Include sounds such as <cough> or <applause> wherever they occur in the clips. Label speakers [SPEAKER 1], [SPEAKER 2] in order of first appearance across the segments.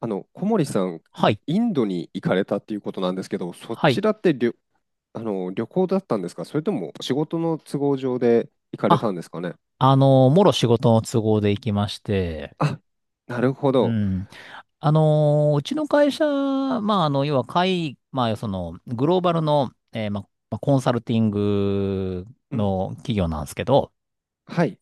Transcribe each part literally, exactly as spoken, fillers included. [SPEAKER 1] あの、小森さん、
[SPEAKER 2] は
[SPEAKER 1] あ
[SPEAKER 2] い。
[SPEAKER 1] インドに行かれたっていうことなんですけど、そ
[SPEAKER 2] は
[SPEAKER 1] ち
[SPEAKER 2] い。
[SPEAKER 1] らって旅あの、旅行だったんですか？それとも仕事の都合上で行かれ
[SPEAKER 2] あ、
[SPEAKER 1] たんですかね？
[SPEAKER 2] あのー、もろ仕事の都合で行きまして、
[SPEAKER 1] あ、なるほ
[SPEAKER 2] う
[SPEAKER 1] ど。
[SPEAKER 2] ん。あのー、うちの会社、まあ、あの、要は、会、まあ、その、グローバルの、えーまあ、まあコンサルティング
[SPEAKER 1] うん。
[SPEAKER 2] の企業なんですけど、
[SPEAKER 1] はい。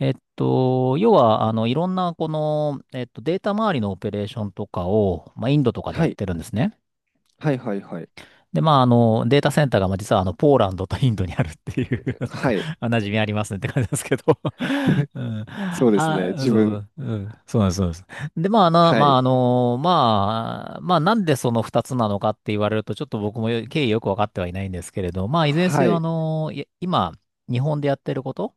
[SPEAKER 2] えっと、要は、あの、いろんな、この、えっと、データ周りのオペレーションとかを、まあ、インドとかで
[SPEAKER 1] は
[SPEAKER 2] やっ
[SPEAKER 1] い。
[SPEAKER 2] てるんですね。
[SPEAKER 1] はいはいはい。
[SPEAKER 2] で、まあ、あの、データセンターが、まあ、実は、あの、ポーランドとインドにあるっていう <laughs> なんか、
[SPEAKER 1] はい。
[SPEAKER 2] あ馴染みありますねって感じですけど <laughs> うん。
[SPEAKER 1] そうですね。
[SPEAKER 2] あ、
[SPEAKER 1] 自
[SPEAKER 2] そうそ
[SPEAKER 1] 分。
[SPEAKER 2] う、うん。そうなんです、そうなんです。で、まあ、なの、
[SPEAKER 1] は
[SPEAKER 2] まあ、
[SPEAKER 1] い。
[SPEAKER 2] あの、まあ、まあ、なんでその二つなのかって言われると、ちょっと僕もよ経緯よくわかってはいないんですけれど、まあ、いずれにせ
[SPEAKER 1] は
[SPEAKER 2] よ、あ
[SPEAKER 1] い。
[SPEAKER 2] の、い今、日本でやってること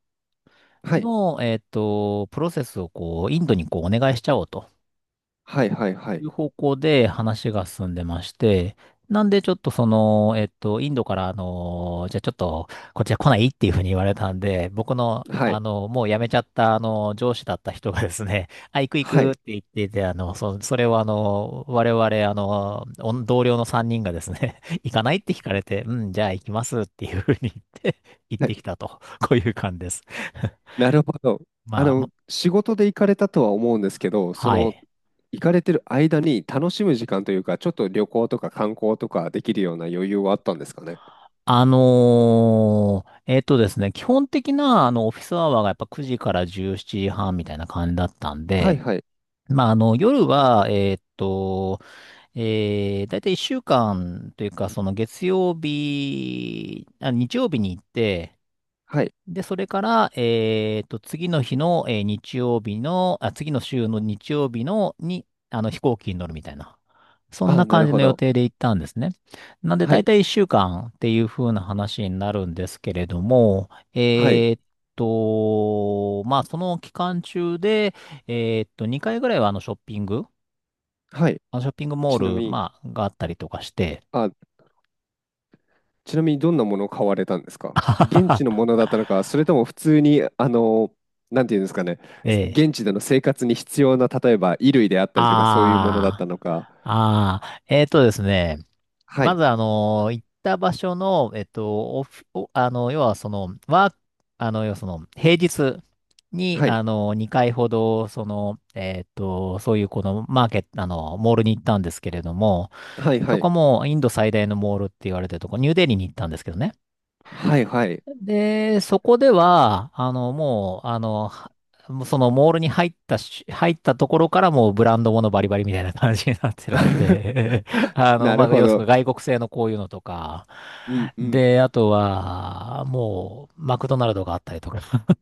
[SPEAKER 1] はい。
[SPEAKER 2] の、えっと、プロセスを、こう、インドにこう、お願いしちゃおうと。
[SPEAKER 1] はいはいは
[SPEAKER 2] い
[SPEAKER 1] い。
[SPEAKER 2] う方向で話が進んでまして、なんでちょっとその、えっと、インドから、あの、じゃあちょっと、こっちは来ないっていうふうに言われたんで、僕の、
[SPEAKER 1] はい。
[SPEAKER 2] あの、もう辞めちゃった、あの、上司だった人がですね、<laughs> あ、行く行
[SPEAKER 1] は
[SPEAKER 2] くっ
[SPEAKER 1] い。
[SPEAKER 2] て言ってて、あの、そ、それをあの、我々、あの、お同僚のさんにんがですね、<laughs> 行かないって聞かれて、うん、じゃあ行きますっていうふうに言って、<laughs> 行っ
[SPEAKER 1] はい。
[SPEAKER 2] てきたと、こういう感じです。
[SPEAKER 1] なるほど。
[SPEAKER 2] <laughs>
[SPEAKER 1] あ
[SPEAKER 2] まあ、
[SPEAKER 1] の、
[SPEAKER 2] も
[SPEAKER 1] 仕事で行かれたとは思うんですけど、そ
[SPEAKER 2] は
[SPEAKER 1] の、
[SPEAKER 2] い。
[SPEAKER 1] 行かれてる間に楽しむ時間というか、ちょっと旅行とか観光とかできるような余裕はあったんですかね？
[SPEAKER 2] あのーえっとですね、基本的な、あの、オフィスアワーがやっぱくじからじゅうしちじはんみたいな感じだったん
[SPEAKER 1] は
[SPEAKER 2] で、
[SPEAKER 1] いはい。
[SPEAKER 2] まあ、あの、夜は、えっと、えー、だいたいいっしゅうかんというか、その月曜日、あ、日曜日に行って、
[SPEAKER 1] はい。
[SPEAKER 2] で、それから、えっと、次の日の、えー日曜日の、あ、次の週の日曜日の、に、あの、飛行機に乗るみたいな。そん
[SPEAKER 1] あ
[SPEAKER 2] な
[SPEAKER 1] あ、な
[SPEAKER 2] 感
[SPEAKER 1] る
[SPEAKER 2] じ
[SPEAKER 1] ほ
[SPEAKER 2] の予
[SPEAKER 1] ど。
[SPEAKER 2] 定で行ったんですね。なんで、
[SPEAKER 1] は
[SPEAKER 2] だい
[SPEAKER 1] い。
[SPEAKER 2] たいいっしゅうかんっていう風な話になるんですけれども、
[SPEAKER 1] はい。
[SPEAKER 2] えーっと、まあ、その期間中で、えーっと、にかいぐらいはあのショッピング、
[SPEAKER 1] はい。
[SPEAKER 2] あのショッピングモ
[SPEAKER 1] ちな
[SPEAKER 2] ー
[SPEAKER 1] み
[SPEAKER 2] ル、
[SPEAKER 1] に、
[SPEAKER 2] まあ、があったりとかして、
[SPEAKER 1] あ、ちなみにどんなものを買われたんですか？現地のもの
[SPEAKER 2] <laughs>
[SPEAKER 1] だったのか、それとも普通に、あの、なんていうんですかね、
[SPEAKER 2] ええ、
[SPEAKER 1] 現地での生活に必要な、例えば衣類であったりとか、そういうものだった
[SPEAKER 2] あ
[SPEAKER 1] のか。
[SPEAKER 2] ー、あー、えーっとですね、
[SPEAKER 1] は
[SPEAKER 2] ま
[SPEAKER 1] い。
[SPEAKER 2] ず、あの、行った場所の、えっと、オフおあの、要は、その、ワーク、あの、要はその、平日に、
[SPEAKER 1] はい。
[SPEAKER 2] あの、にかいほど、その、えっと、そういう、この、マーケット、あの、モールに行ったんですけれども、
[SPEAKER 1] はいは
[SPEAKER 2] そ
[SPEAKER 1] い。
[SPEAKER 2] こも、インド最大のモールって言われてるとこ、ニューデリーに行ったんですけどね。
[SPEAKER 1] はいはい。
[SPEAKER 2] で、そこでは、あの、もう、あの、はもうそのモールに入ったし、入ったところからもうブランドものバリバリみたいな感じになってるので、<laughs> あの、
[SPEAKER 1] な
[SPEAKER 2] ま
[SPEAKER 1] る
[SPEAKER 2] あ、
[SPEAKER 1] ほ
[SPEAKER 2] 要する
[SPEAKER 1] ど。
[SPEAKER 2] に外国製のこういうのとか、
[SPEAKER 1] うんうん。
[SPEAKER 2] で、あとは、もう、マクドナルドがあったりとか、<laughs>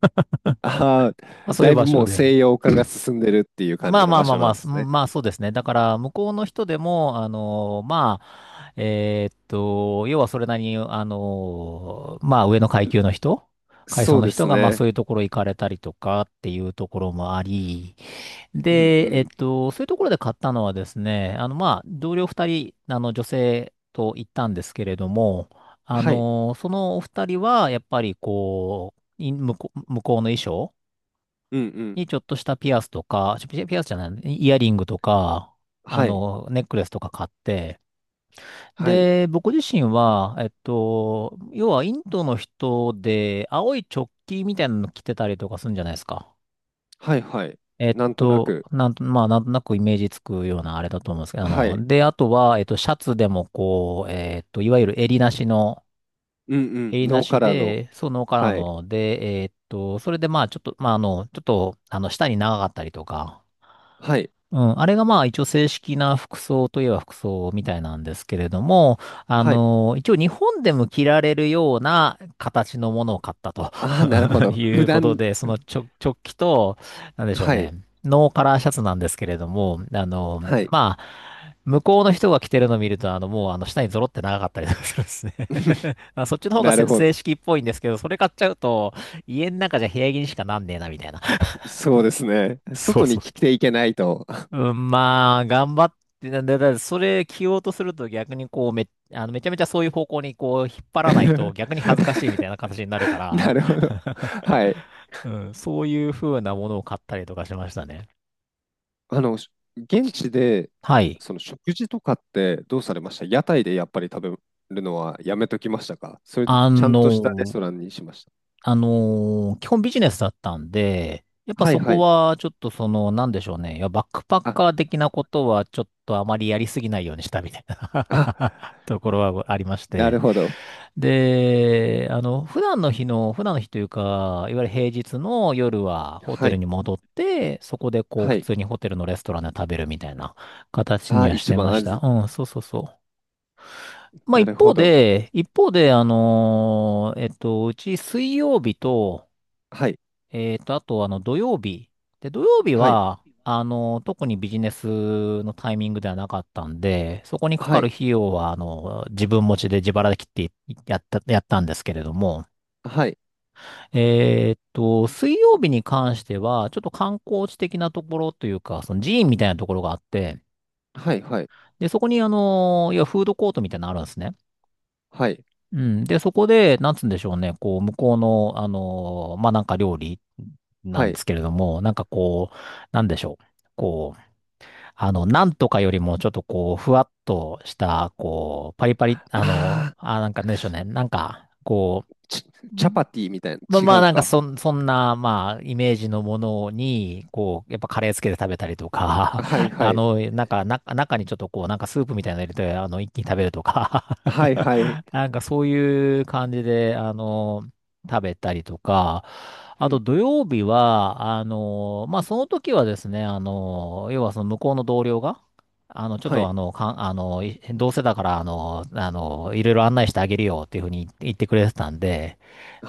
[SPEAKER 1] ああ、
[SPEAKER 2] まあ、そうい
[SPEAKER 1] だ
[SPEAKER 2] う
[SPEAKER 1] い
[SPEAKER 2] 場
[SPEAKER 1] ぶ
[SPEAKER 2] 所
[SPEAKER 1] もう
[SPEAKER 2] で、
[SPEAKER 1] 西洋化が進んでるっていう感
[SPEAKER 2] ま
[SPEAKER 1] じ
[SPEAKER 2] あ
[SPEAKER 1] の
[SPEAKER 2] まあ
[SPEAKER 1] 場
[SPEAKER 2] まあ
[SPEAKER 1] 所
[SPEAKER 2] ま
[SPEAKER 1] な
[SPEAKER 2] あ、
[SPEAKER 1] んで
[SPEAKER 2] す
[SPEAKER 1] すね。
[SPEAKER 2] まあそうですね。だから向こうの人でも、あのまあ、えーっと、要はそれなりに、あのまあ上の階級の人、階層
[SPEAKER 1] そう
[SPEAKER 2] の
[SPEAKER 1] で
[SPEAKER 2] 人
[SPEAKER 1] す
[SPEAKER 2] が、まあそ
[SPEAKER 1] ね。
[SPEAKER 2] ういうところ行かれたりとかっていうところもあり、
[SPEAKER 1] うんう
[SPEAKER 2] で、えっ
[SPEAKER 1] ん。
[SPEAKER 2] と、そういうところで買ったのはですね、あのまあ同僚二人、あの女性と行ったんですけれども、あ
[SPEAKER 1] はい。
[SPEAKER 2] のそのお二人はやっぱりこう、い向こう、向こうの衣装
[SPEAKER 1] うんうん。
[SPEAKER 2] にちょっとしたピアスとか、ピピアスじゃない、イヤリングとか、あ
[SPEAKER 1] はい。
[SPEAKER 2] の、ネックレスとか買って、
[SPEAKER 1] はい。
[SPEAKER 2] で、僕自身は、えっと、要はインドの人で、青いチョッキみたいなの着てたりとかするんじゃないですか。
[SPEAKER 1] はいはい。
[SPEAKER 2] えっ
[SPEAKER 1] なんとな
[SPEAKER 2] と、
[SPEAKER 1] く。
[SPEAKER 2] なんと、まあ、なんとなくイメージつくようなあれだと思うんですけど、あ
[SPEAKER 1] はい。
[SPEAKER 2] の、で、あとは、えっと、シャツでもこう、えっと、いわゆる襟なしの、
[SPEAKER 1] うんうん。
[SPEAKER 2] 襟な
[SPEAKER 1] ノー
[SPEAKER 2] し
[SPEAKER 1] カラーの。
[SPEAKER 2] で、そのカラー
[SPEAKER 1] はい。
[SPEAKER 2] ので、えっと、それでまあ、ちょっと、まあ、あの、ちょっと、あの、下に長かったりとか、
[SPEAKER 1] はい。
[SPEAKER 2] うん、あれがまあ一応正式な服装といえば服装みたいなんですけれども、あ
[SPEAKER 1] はい。
[SPEAKER 2] の、一応日本でも着られるような形のものを買ったと
[SPEAKER 1] ああ、なるほ
[SPEAKER 2] <laughs>
[SPEAKER 1] ど。
[SPEAKER 2] い
[SPEAKER 1] 普
[SPEAKER 2] うこと
[SPEAKER 1] 段。
[SPEAKER 2] で、そのちょ、直帰と、なんでしょう
[SPEAKER 1] は
[SPEAKER 2] ね、
[SPEAKER 1] い。
[SPEAKER 2] ノーカラーシャツなんですけれども、あの、
[SPEAKER 1] はい。
[SPEAKER 2] まあ、向こうの人が着てるのを見ると、あの、もうあの、下にゾロって長かったりとかするんですね <laughs> あ、そっちの方が
[SPEAKER 1] な
[SPEAKER 2] せ
[SPEAKER 1] るほど。
[SPEAKER 2] 正式っぽいんですけど、それ買っちゃうと、家の中じゃ部屋着にしかなんねえな、みたいな。
[SPEAKER 1] そうですね。
[SPEAKER 2] そう
[SPEAKER 1] 外に
[SPEAKER 2] そ
[SPEAKER 1] 着
[SPEAKER 2] う。
[SPEAKER 1] ていけないと。
[SPEAKER 2] うん、まあ、頑張って、なだ、だだそれ着ようとすると逆にこう、め、あの、めちゃめちゃそういう方向にこう、引っ張らないと
[SPEAKER 1] <laughs>
[SPEAKER 2] 逆に恥ずかしいみたいな形になるか
[SPEAKER 1] な
[SPEAKER 2] ら、
[SPEAKER 1] るほど。はい。
[SPEAKER 2] <laughs> うん、そういう風なものを買ったりとかしましたね。
[SPEAKER 1] あの、し現地で、
[SPEAKER 2] はい。
[SPEAKER 1] その食事とかってどうされました？屋台でやっぱり食べるのはやめときましたか？それとも
[SPEAKER 2] あ
[SPEAKER 1] ちゃんとしたレスト
[SPEAKER 2] の、
[SPEAKER 1] ランにしました？
[SPEAKER 2] あのー基本ビジネスだったんで、やっぱ
[SPEAKER 1] はい
[SPEAKER 2] そ
[SPEAKER 1] は
[SPEAKER 2] こ
[SPEAKER 1] い。
[SPEAKER 2] はちょっとその、なんでしょうね。いや、バックパッ
[SPEAKER 1] あ、
[SPEAKER 2] カー的なことはちょっとあまりやりすぎないようにしたみたい
[SPEAKER 1] あ、
[SPEAKER 2] な <laughs> ところはありまし
[SPEAKER 1] な
[SPEAKER 2] て。
[SPEAKER 1] るほど。
[SPEAKER 2] で、あの、普段の日の、普段の日というか、いわゆる平日の夜はホ
[SPEAKER 1] は
[SPEAKER 2] テル
[SPEAKER 1] い、
[SPEAKER 2] に戻って、そこでこう
[SPEAKER 1] は
[SPEAKER 2] 普
[SPEAKER 1] い。
[SPEAKER 2] 通にホテルのレストランで食べるみたいな形に
[SPEAKER 1] あ、
[SPEAKER 2] はし
[SPEAKER 1] 一
[SPEAKER 2] てま
[SPEAKER 1] 番、あ
[SPEAKER 2] した。
[SPEAKER 1] ず、
[SPEAKER 2] うん、そうそうそう。まあ
[SPEAKER 1] なる
[SPEAKER 2] 一
[SPEAKER 1] ほ
[SPEAKER 2] 方
[SPEAKER 1] ど。
[SPEAKER 2] で、一方で、あのーえっと、うち水曜日と、
[SPEAKER 1] はい、
[SPEAKER 2] えっと、あと、あの、土曜日。で、土曜日
[SPEAKER 1] はい、
[SPEAKER 2] は、あの、特にビジネスのタイミングではなかったんで、そこにか
[SPEAKER 1] は
[SPEAKER 2] かる
[SPEAKER 1] い、
[SPEAKER 2] 費用は、あの、自分持ちで自腹で切ってやった、やったんですけれども、
[SPEAKER 1] はい、
[SPEAKER 2] えっと、水曜日に関しては、ちょっと観光地的なところというか、その寺院みたいなところがあって、
[SPEAKER 1] はい、はい、
[SPEAKER 2] で、そこに、あの、いや、フードコートみたいなのあるんですね。
[SPEAKER 1] はい、
[SPEAKER 2] うん。で、そこで、なんつうんでしょうね、こう、向こうの、あのーまあ、なんか料理な
[SPEAKER 1] は
[SPEAKER 2] んで
[SPEAKER 1] い。
[SPEAKER 2] すけれども、なんかこう、なんでしょう。こう、あの、なんとかよりも、ちょっとこう、ふわっとした、こう、パリパリ、あの、
[SPEAKER 1] あー、
[SPEAKER 2] あ、なんかなんでしょうね、なんか、こ
[SPEAKER 1] チ
[SPEAKER 2] う、
[SPEAKER 1] チャパティみたいな、
[SPEAKER 2] まあま
[SPEAKER 1] 違
[SPEAKER 2] あ、
[SPEAKER 1] う
[SPEAKER 2] なんか
[SPEAKER 1] か。
[SPEAKER 2] そん、そんな、まあ、イメージのものに、こう、やっぱカレーつけて食べたりとか、
[SPEAKER 1] はい
[SPEAKER 2] <laughs>
[SPEAKER 1] は
[SPEAKER 2] あ
[SPEAKER 1] い。
[SPEAKER 2] の、なんか、な、中にちょっとこう、なんかスープみたいなの入れて、あの、一気に食べるとか、
[SPEAKER 1] はいはい。
[SPEAKER 2] <laughs> なんかそういう感じで、あの、食べたりとか、
[SPEAKER 1] う
[SPEAKER 2] あと
[SPEAKER 1] ん。
[SPEAKER 2] 土曜日は、あの、まあ、その時はですね、あの、要はその向こうの同僚が、あの、ちょっ
[SPEAKER 1] は
[SPEAKER 2] と
[SPEAKER 1] い。
[SPEAKER 2] あの、かん、あの、いどうせだから、あの、あの、いろいろ案内してあげるよっていうふうに言ってくれてたんで、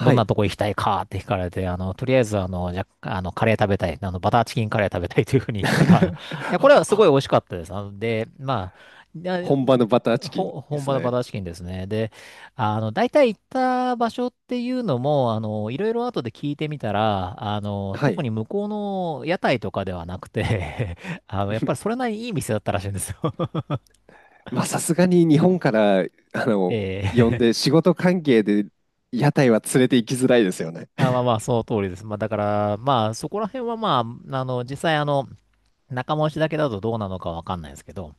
[SPEAKER 2] どんな
[SPEAKER 1] い。
[SPEAKER 2] とこ行きたいかって聞かれて、あの、とりあえず、あの、じゃ、あの、カレー食べたい。あの、バターチキンカレー食べたいというふうに言ったら、<laughs> いや、これはすごい美
[SPEAKER 1] <laughs>
[SPEAKER 2] 味しかったです。あの、で、まあ、いや
[SPEAKER 1] 本場のバターチキン
[SPEAKER 2] ほ、
[SPEAKER 1] で
[SPEAKER 2] 本
[SPEAKER 1] す
[SPEAKER 2] 場のバ
[SPEAKER 1] ね。
[SPEAKER 2] ターチキンですね。で、あの、大体行った場所っていうのも、あの、いろいろ後で聞いてみたら、あの、
[SPEAKER 1] は
[SPEAKER 2] 特
[SPEAKER 1] い。
[SPEAKER 2] に向こうの屋台とかではなくて、 <laughs> あの、やっぱりそ
[SPEAKER 1] <laughs>
[SPEAKER 2] れなりにいい店だったらしいんですよ。
[SPEAKER 1] まあ、さすがに日本から、あの、呼ん
[SPEAKER 2] <laughs> ええ。
[SPEAKER 1] で仕事関係で屋台は連れて行きづらいですよね。
[SPEAKER 2] あ、まあまあ、その通りです。まあ、だから、まあ、そこら辺はまあ、あの、実際あの、仲間内だけだとどうなのかわかんないですけど。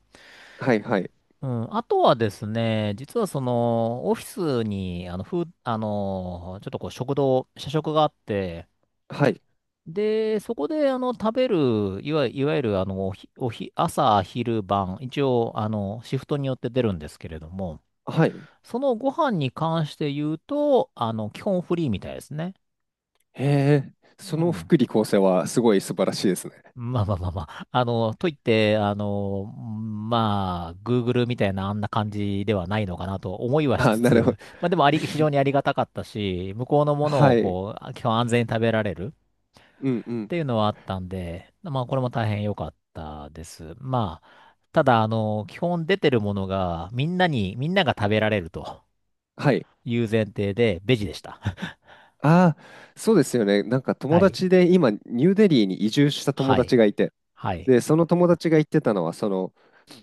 [SPEAKER 1] はいはい。
[SPEAKER 2] うん。あとはですね、実はその、オフィスに、あの、ふう、あの、ちょっとこう、食堂、社食があって、
[SPEAKER 1] はい。
[SPEAKER 2] で、そこで、あの、食べる、いわ、いわゆる、あの、おひ、おひ、朝、昼、晩、一応、あの、シフトによって出るんですけれども、
[SPEAKER 1] はい。
[SPEAKER 2] そのご飯に関して言うと、あの、基本フリーみたいですね。
[SPEAKER 1] へえ、そ
[SPEAKER 2] う
[SPEAKER 1] の
[SPEAKER 2] ん。
[SPEAKER 1] 福利厚生はすごい素晴らしいですね。
[SPEAKER 2] まあまあまあまあ。あの、といって、あの、まあ、グーグル みたいなあんな感じではないのかなと思いはし
[SPEAKER 1] あ、
[SPEAKER 2] つ
[SPEAKER 1] なるほ
[SPEAKER 2] つ、
[SPEAKER 1] ど。
[SPEAKER 2] まあでもあり、非常にありがたかったし、向こうのもの
[SPEAKER 1] は
[SPEAKER 2] を
[SPEAKER 1] い。
[SPEAKER 2] こう、基本安全に食べられる
[SPEAKER 1] うんう
[SPEAKER 2] っ
[SPEAKER 1] ん。
[SPEAKER 2] ていうのはあったんで、まあこれも大変良かったです。まあ、ただ、あの、基本出てるものが、みんなに、みんなが食べられると
[SPEAKER 1] はい。
[SPEAKER 2] いう前提で、ベジでした。<laughs>
[SPEAKER 1] ああ、そうですよね。なんか友
[SPEAKER 2] はい。
[SPEAKER 1] 達で今、ニューデリーに移住した友
[SPEAKER 2] は
[SPEAKER 1] 達
[SPEAKER 2] い。
[SPEAKER 1] がいて、
[SPEAKER 2] はい。
[SPEAKER 1] で、その友達が言ってたのは、その、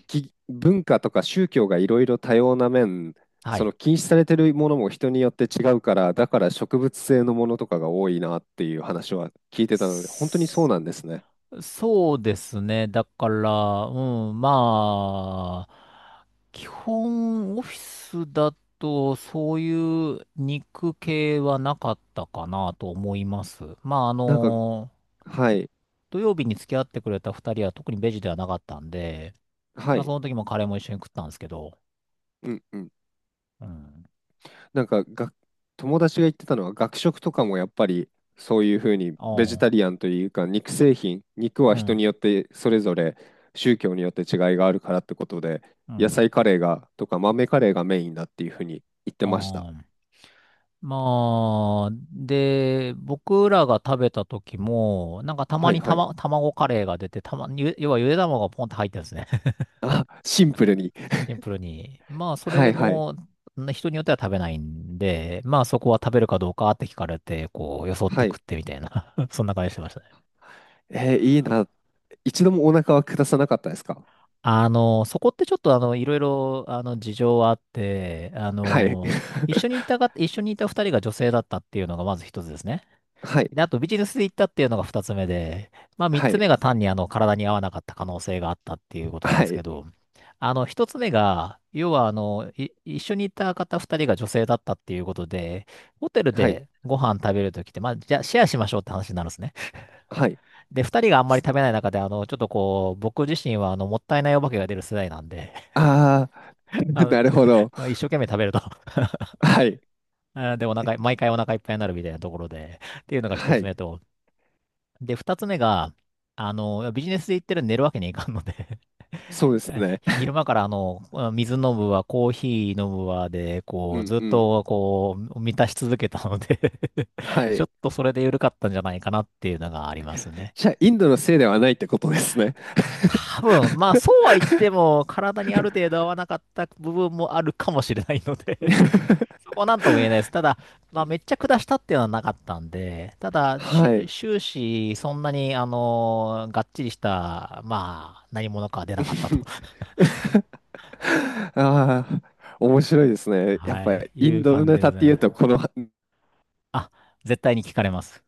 [SPEAKER 1] き文化とか宗教がいろいろ多様な面、
[SPEAKER 2] は
[SPEAKER 1] そ
[SPEAKER 2] い。
[SPEAKER 1] の禁止されてるものも人によって違うから、だから植物性のものとかが多いなっていう話は聞いてたので、本当にそうなんですね。
[SPEAKER 2] そうですね。だから、うん、まあ、基本オフィスだとそういう肉系はなかったかなと思います。まあ、あ
[SPEAKER 1] なんか、
[SPEAKER 2] の、
[SPEAKER 1] はい、
[SPEAKER 2] 土曜日に付き合ってくれた二人は特にベジではなかったんで、
[SPEAKER 1] は
[SPEAKER 2] まあ、そ
[SPEAKER 1] い、
[SPEAKER 2] の時もカレーも一緒に食ったんですけど、
[SPEAKER 1] うんうん。
[SPEAKER 2] うん、
[SPEAKER 1] なんかが、友達が言ってたのは、学食とかもやっぱりそういうふうにベジ
[SPEAKER 2] あ
[SPEAKER 1] タリアンというか、肉製品、肉
[SPEAKER 2] あ、
[SPEAKER 1] は
[SPEAKER 2] う
[SPEAKER 1] 人
[SPEAKER 2] ん、
[SPEAKER 1] によってそれぞれ宗教によって違いがあるからってことで、
[SPEAKER 2] う
[SPEAKER 1] 野
[SPEAKER 2] ん、あ
[SPEAKER 1] 菜カレーがとか豆カレーがメインだっていうふうに言ってました。
[SPEAKER 2] あ、まあ、で、僕らが食べた時も、なんかたま
[SPEAKER 1] はい
[SPEAKER 2] に
[SPEAKER 1] は
[SPEAKER 2] た
[SPEAKER 1] い。
[SPEAKER 2] ま、卵カレーが出て、たまに、ゆ要はゆで卵がポンって入ってるんですね。<laughs>
[SPEAKER 1] <laughs> あ、シンプルに。
[SPEAKER 2] シンプルに。まあ、そ
[SPEAKER 1] は
[SPEAKER 2] れ
[SPEAKER 1] いはい。
[SPEAKER 2] も、ん人によっては食べないんで、まあそこは食べるかどうかって聞かれて、こう、よそって
[SPEAKER 1] は
[SPEAKER 2] 食
[SPEAKER 1] い。
[SPEAKER 2] ってみたいな。 <laughs> そんな感じしてましたね。
[SPEAKER 1] えーいいな。一度もお腹は下さなかったですか？
[SPEAKER 2] あの、そこってちょっとあの、いろいろ、あの、事情はあって、あ
[SPEAKER 1] はい。
[SPEAKER 2] の、一緒
[SPEAKER 1] <laughs>
[SPEAKER 2] にいたが、一緒にいた二人が女性だったっていうのがまず一つですね。
[SPEAKER 1] はい。
[SPEAKER 2] で、あとビジネスで行ったっていうのが二つ目で、まあ三
[SPEAKER 1] は
[SPEAKER 2] つ
[SPEAKER 1] い。
[SPEAKER 2] 目が単にあの体に合わなかった可能性があったっていうことなん
[SPEAKER 1] は
[SPEAKER 2] です
[SPEAKER 1] い。
[SPEAKER 2] けど、あの一つ目が、要はあの、い一緒に行った方二人が女性だったっていうことで、ホテル
[SPEAKER 1] はい。
[SPEAKER 2] でご飯食べるときって、まあじゃあシェアしましょうって話になるんですね。
[SPEAKER 1] はい。
[SPEAKER 2] で、二人があんまり食べない中で、あの、ちょっとこう、僕自身はあの、もったいないお化けが出る世代なんで、
[SPEAKER 1] ああ
[SPEAKER 2] <laughs>
[SPEAKER 1] ー、<laughs>
[SPEAKER 2] あ
[SPEAKER 1] なるほど。
[SPEAKER 2] の、<laughs> 一生懸命食べると。 <laughs>
[SPEAKER 1] はい。
[SPEAKER 2] あーで、お腹い、毎回お腹いっぱいになるみたいなところで、っていうのが一
[SPEAKER 1] は
[SPEAKER 2] つ
[SPEAKER 1] い。
[SPEAKER 2] 目と、で、二つ目が、あの、ビジネスで行ってるんで寝るわけにいかんので、
[SPEAKER 1] そうです
[SPEAKER 2] <laughs>
[SPEAKER 1] ね。
[SPEAKER 2] 昼間からあの、水飲むわ、コーヒー飲むわで、こ
[SPEAKER 1] う
[SPEAKER 2] う、
[SPEAKER 1] ん
[SPEAKER 2] ずっ
[SPEAKER 1] うん。
[SPEAKER 2] と、こう、満たし続けたので、 <laughs>
[SPEAKER 1] は
[SPEAKER 2] ちょ
[SPEAKER 1] い。
[SPEAKER 2] っとそれで緩かったんじゃないかなっていうのがありますね。
[SPEAKER 1] じゃあ、インドのせいではないってことですね。
[SPEAKER 2] 多分、まあ、そうは言って
[SPEAKER 1] <laughs>
[SPEAKER 2] も、体にある程度合わなかった部分もあるかもしれないので、そこはなんとも言えないです。ただ、まあ、めっちゃ下したっていうのはなかったんで、ただ、
[SPEAKER 1] は
[SPEAKER 2] し
[SPEAKER 1] い。
[SPEAKER 2] 終始、そんなに、あのーがっちりした、まあ、何者かは出なかったと、<laughs>
[SPEAKER 1] <laughs> ああ、面白いですね。やっ
[SPEAKER 2] は
[SPEAKER 1] ぱ
[SPEAKER 2] い、い
[SPEAKER 1] イン
[SPEAKER 2] う
[SPEAKER 1] ド
[SPEAKER 2] 感じ
[SPEAKER 1] ネ
[SPEAKER 2] で
[SPEAKER 1] タ
[SPEAKER 2] ご
[SPEAKER 1] っ
[SPEAKER 2] ざい
[SPEAKER 1] てい
[SPEAKER 2] ま
[SPEAKER 1] う
[SPEAKER 2] す。
[SPEAKER 1] と、この
[SPEAKER 2] あ、絶対に聞かれます。